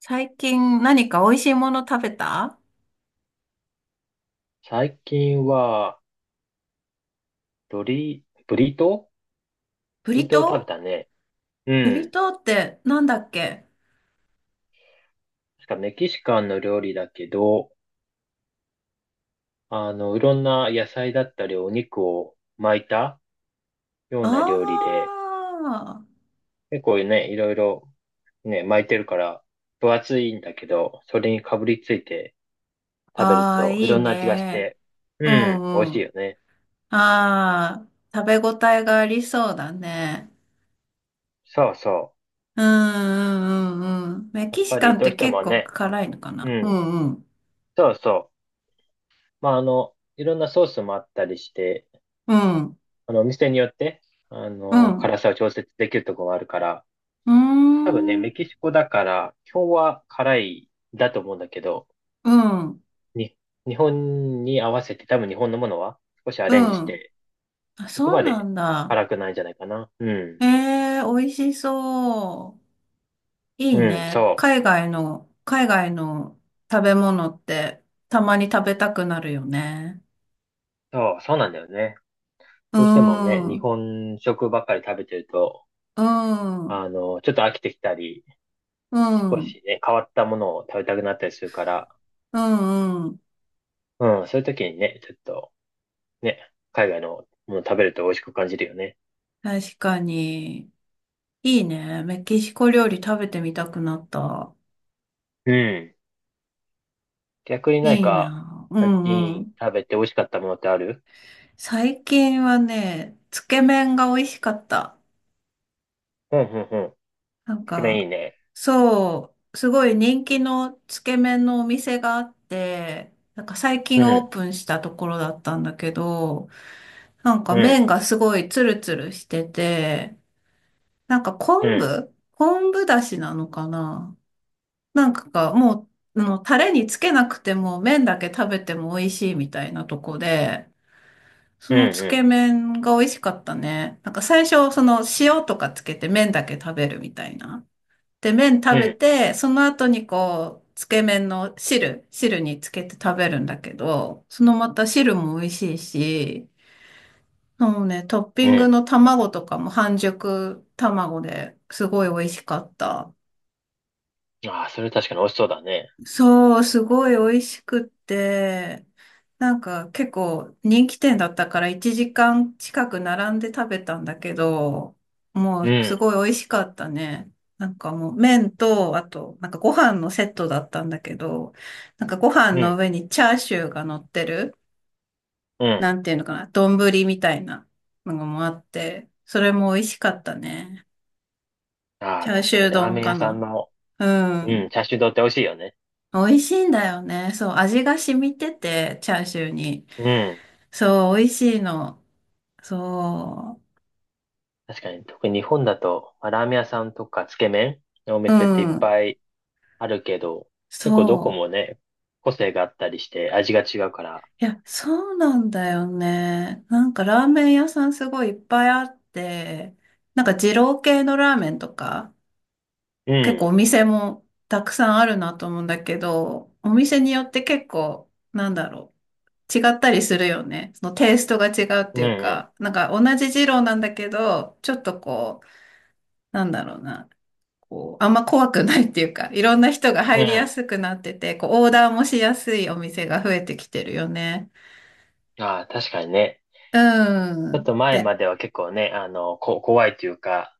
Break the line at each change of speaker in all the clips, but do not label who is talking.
最近何か美味しいもの食べた？
最近は、ブリ、ブリトー
ブ
ブリ
リ
トーを食べ
トー。
たね。う
ブリ
ん。
トーってなんだっけ？
確かメキシカンの料理だけど、いろんな野菜だったりお肉を巻いたような料理
あ
で、
あー、
結構ね、いろいろね、巻いてるから分厚いんだけど、それにかぶりついて食べる
ああ、
とい
いい
ろんな味がし
ね。
て、う
う
ん、美味
ん
し
う
いよ
ん。
ね。
ああ食べ応えがありそうだね。
そうそ
うんうんうんうん。メ
う。やっ
キシ
ぱ
カ
り
ンっ
どう
て
して
結
も
構
ね、
辛いのか
う
な。う
ん、
んうん。
そうそう。まあ、いろんなソースもあったりして、
うん。
お店によって、
うん。
辛さを調節できるところもあるから、
うーん、
多分ね、
うん
メキシコだから、基本は辛いだと思うんだけど、
うん。うん
に、日本に合わせて、多分日本のものは少しア
う
レンジし
ん。
て、
あ、
そこ
そ
ま
うな
で
んだ。
辛くないんじゃないかな。うん。
ええ美味しそう。い
う
い
ん、
ね。
そ
海外の食べ物ってたまに食べたくなるよね。
う。そうなんだよね。
う
どうしてもね、
ん、う
日
ん、
本食ばっかり食べてると、
うん、う
ちょっと飽きてきたり、少しね、変わったものを食べたくなったりするから、
ん、うん。
うん、そういう時にね、ちょっと、ね、海外のもの食べると美味しく感じるよね。
確かに。いいね。メキシコ料理食べてみたくなった。
うん。逆になん
いい
か、
な。う
最
ん、う
近
ん。
食べて美味しかったものってある？
最近はね、つけ麺が美味しかった。
うん、うん、うん。
なん
つけ麺いい
か、
ね。
そう、すごい人気のつけ麺のお店があって、なんか最
う
近オー
ん、
プンしたところだったんだけど、なん
う
か麺
ん、
がすごいツルツルしてて、なんか
う
昆
ん、
布昆布だしなのかな。なんかがもう、タレにつけなくても麺だけ食べても美味しいみたいなとこで、そ
う
のつけ
ん、
麺が美味しかったね。なんか最初、その塩とかつけて麺だけ食べるみたいな。で、麺
う
食
ん、う
べ
ん、
て、その後にこう、つけ麺の汁につけて食べるんだけど、そのまた汁も美味しいし、もうね、トッピ
う
ング
ん。
の卵とかも半熟卵ですごい美味しかった。
ああ、それ確かに美味しそうだね。
そう、すごい美味しくって、なんか結構人気店だったから1時間近く並んで食べたんだけど、も
う
うす
ん、
ごい美味しかったね。なんかもう麺と、あとなんかご飯のセットだったんだけど、なんかご飯
う
の
ん、
上にチャーシューが乗ってる、
うん。
なんていうのかな、丼みたいなのもあって、それも美味しかったね。
あ
チ
あ、
ャー
確
シ
か
ュー
にラー
丼
メン
か
屋さん
な。
の、
う
うん、
ん。
チャーシュー丼って美味しいよね。
美味しいんだよね。そう、味が染みてて、チャーシューに。
うん。
そう、美味しいの。そ
確かに、特に日本だと、まあラーメン屋さんとかつけ麺のお
う、う
店っていっ
ん、
ぱいあるけど、結構どこ
そ
も
う。
ね、個性があったりして味が違うから、
いや、そうなんだよね。なんかラーメン屋さんすごいいっぱいあって、なんか二郎系のラーメンとか、
う
結構お
ん。
店もたくさんあるなと思うんだけど、お店によって結構、なんだろう。違ったりするよね。そのテイストが違うっ
う
て
ん
いう
うん。
か、なんか同じ二郎なんだけど、ちょっとこう、なんだろうな。こう、あんま怖くないっていうか、いろんな人が
う
入りや
ん。
すくなってて、こう、オーダーもしやすいお店が増えてきてるよね。
ああ、確かにね。
う
ちょっ
ん。
と前
で、
までは結構ね、怖いというか、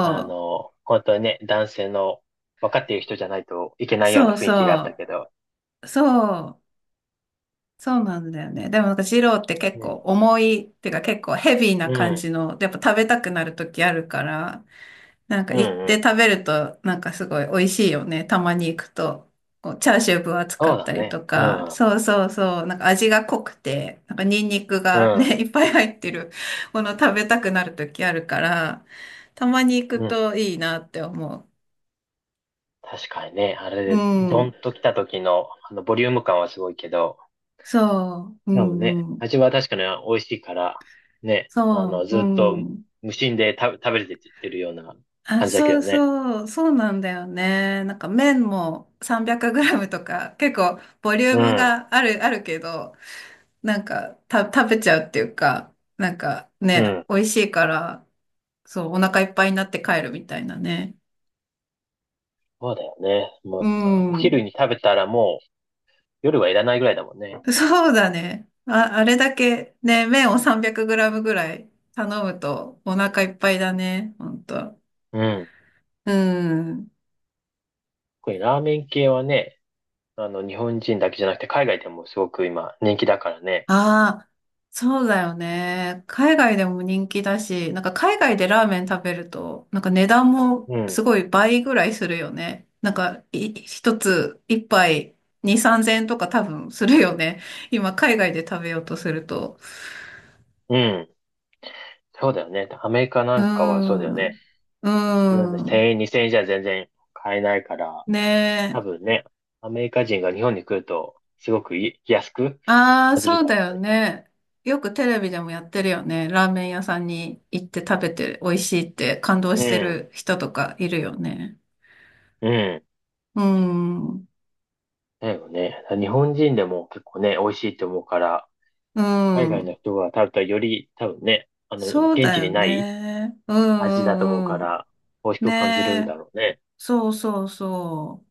本当にね、男性の分かっている人じゃないといけ
う、
ないような
そう
雰囲気があった
そ
けど。
う、そう、そうなんだよね。でもなんか二郎って結
う
構
ん。
重い、っていうか結構ヘビーな
う
感
ん。
じの、やっぱ食べたくなる時あるから、なんか
うん
行っ
う
て
ん。
食べると、なんかすごい美味しいよね。たまに行くと。こうチャーシュー分厚か
そう
っ
だ
たり
ね。
と
う
か。
ん。
そうそうそう。なんか味が濃くて、なんかニンニク
う
が
ん。
ね、いっぱい入ってるもの食べたくなる時あるから、たまに行く
うん。
といいなって思
確かにね、あ
う。う
れで、ドン
ん。
と来た時の、ボリューム感はすごいけど、
そう。う
でもね、
んうん。
味は確かに美味しいから、ね、
そう。う
ずっと
ん。
無心で食べれてってるような
あ、
感じだけ
そう
どね。
そう。そうなんだよね。なんか麺も 300g とか結構ボリュー
う
ム
ん。
があるけど、なんか、食べちゃうっていうか、なんか
う
ね、
ん。
美味しいから、そう、お腹いっぱいになって帰るみたいなね。
そうだよね。も
う
う、お昼
ん。
に食べたらもう夜はいらないぐらいだもんね。
そうだね。あ、あれだけね、麺を 300g ぐらい頼むとお腹いっぱいだね、ほんと。
うん。
うん。
これラーメン系はね、日本人だけじゃなくて海外でもすごく今人気だからね。
ああ、そうだよね。海外でも人気だし、なんか海外でラーメン食べると、なんか値段も
う
す
ん。
ごい倍ぐらいするよね。なんか、い、一つ、一杯、二、三千円とか多分するよね。今、海外で食べようとすると。
うん。そうだよね。アメリカ
う
な
ー
んかはそうだよ
ん。
ね。
うー
普通の
ん。
1000円、2000円じゃ全然買えないから、
ね
多分
え。
ね、アメリカ人が日本に来ると、すごく安く
ああ、
感じる
そう
だ
だ
ろ
よね。よくテレビでもやってるよね。ラーメン屋さんに行って食べて美味しいって感動
う。う
して
ん。
る人とかいるよね。
うん。
うん。
だよね。日本人でも結構ね、美味しいって思うから、
う
海外の
ん。
人が食べたらより多分ね、
そう
現
だ
地に
よ
ない
ね。う
味だと思う
ん
か
うんう
ら、美味し
ん。ね
く感じるだ
え。
ろうね。
そうそうそう。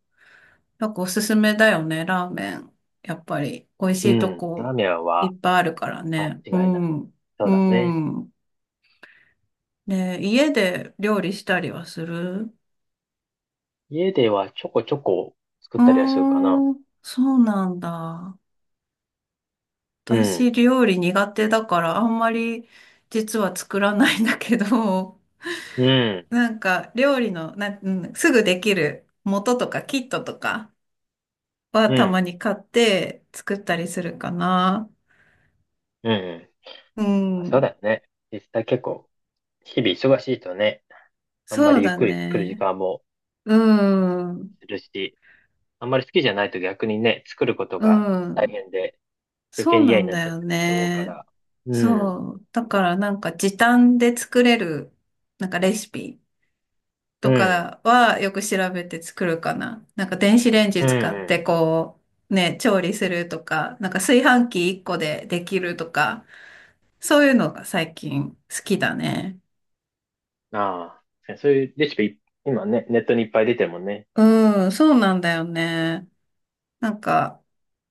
なんかおすすめだよね、ラーメン。やっぱり、美味し
う
いと
ん。ラー
こ
メン
い
は
っぱいあるから
間
ね。う
違いない。
ん。
そう
う
だね。
ん。ねえ、家で料理したりはする？
家ではちょこちょこ作っ
うー
たりはするかな。
ん、そうなんだ。
う
私、
ん。
料理苦手だから、あんまり実は作らないんだけど。
うん。
なんか料理のなん、うん、すぐできる元とかキットとかは
う
たま
ん。
に買って作ったりするかな。
うん。
う
そうだ
ん。
よね。実際結構、日々忙しいとね、あんま
そう
りゆっ
だ
くり作る時
ね。
間も
うん。
するし、あんまり好きじゃないと逆にね、作ることが
う
大
ん。
変で、余
そ
計
う
に
な
嫌に
ん
なっ
だ
ちゃって
よ
ると思うか
ね。
ら。うん。
そう。だからなんか時短で作れるなんかレシピ
う
と
ん。
かはよく調べて作るかな。なんか電子レンジ
うん
使っ
う
てこうね、調理するとか、なんか炊飯器1個でできるとか。そういうのが最近好きだね。
ん。ああ、そういうレシピ、今ね、ネットにいっぱい出てるもんね。
うん、そうなんだよね。なんか、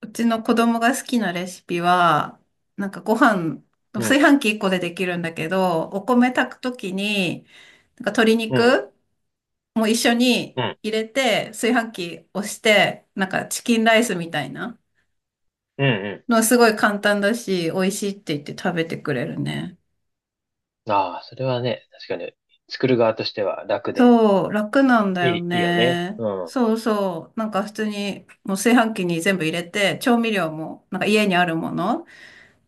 うちの子供が好きなレシピは、なんかご飯、
う
炊
ん、
飯器一個でできるんだけど、お米炊くときに、なんか鶏
うん、
肉も一緒に
うん、
入れて、炊飯器押して、なんかチキンライスみたいな
うん、う
のはすごい簡単だし、美味しいって言って食べてくれるね。
ん。ああ、それはね、確かに、作る側としては楽で、
そう、楽なんだ
い
よ
い、いいよね。
ね。
うん、うん、
そうそう。なんか普通に、もう炊飯器に全部入れて、調味料も、なんか家にあるもの、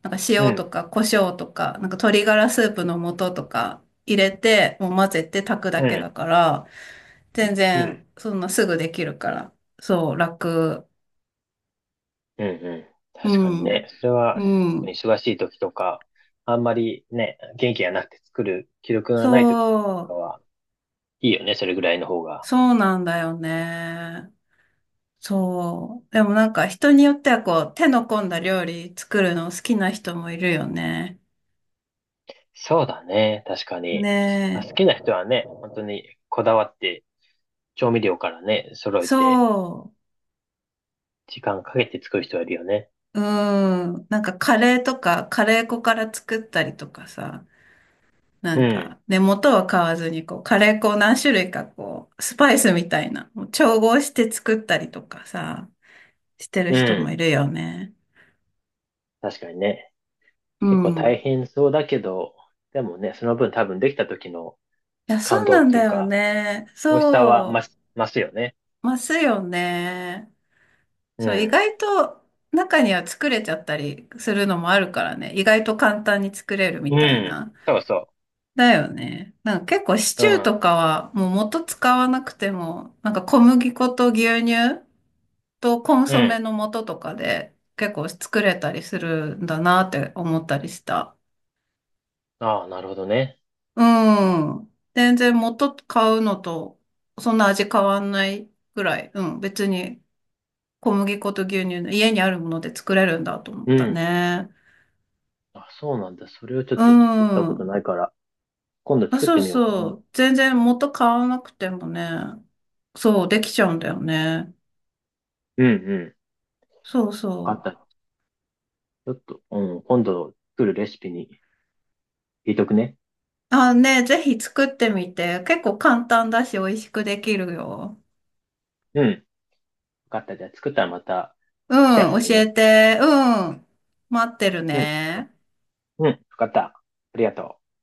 なんか
う
塩と
ん、
か胡椒とか、なんか鶏ガラスープの素とか入れて、もう混ぜて炊くだけだか
う
ら、全
ん、
然、そんなすぐできるから。そう、楽。
うん、うん。
う
確かに
ん。
ね、それは、
うん。
忙しい時とか、あんまりね、元気がなくて作る気力
そ
がない時とか
う、
は、いいよね、それぐらいの方が。
そうなんだよね。そう。でもなんか人によってはこう手の込んだ料理作るの好きな人もいるよね。
そうだね、確か
ね
に。まあ好
え。
きな人はね、本当にこだわって、調味料からね、揃えて、
そ
時間かけて作る人はいるよね。
う。うん。なんかカレーとかカレー粉から作ったりとかさ。な
う
ん
ん。
か、で、元は買わずにこうカレー粉を何種類かこうスパイスみたいなもう調合して作ったりとかさ、してる
う
人
ん。
もいるよね。
確かにね。
う
結構大
ん。
変そうだけど、でもね、その分多分できた時の
いや、そ
感
う
動
な
っ
ん
てい
だ
う
よ
か、
ね。
美味しさは増
そ
し、増すよね。
う。ますよね。
う
そう、意
ん。
外と中には作れちゃったりするのもあるからね。意外と簡単に作れるみ
う
たい
ん。
な。
そうそ
だよね。なんか結構シ
う。
チ
う
ューと
ん。
かはもう元使わなくても、なんか小麦粉と牛乳とコン
う
ソメ
ん。
の素とかで結構作れたりするんだなって思ったりした。
ああ、なるほどね。
うん。全然元買うのとそんな味変わんないぐらい。うん。別に小麦粉と牛乳の家にあるもので作れるんだと思っ
う
た
ん。
ね。
あ、そうなんだ。それをちょっ
う
と作ったこと
ん。
ないから、今度
あ、
作っ
そ
て
う
みようか
そ
な。
う。全然元買わなくてもね。そう、できちゃうんだよね。
うんうん。
そう
わ
そ
かっ
う。
た。ちょっと、うん、今度作るレシピに入れとくね。
あ、ね、ぜひ作ってみて。結構簡単だし、美味しくできるよ。
うん。わかった。じゃあ作ったらまた
う
シェアす
ん、
る
教え
ね。
て。うん。待ってる
うん。
ね。
うん、わかった。ありがとう。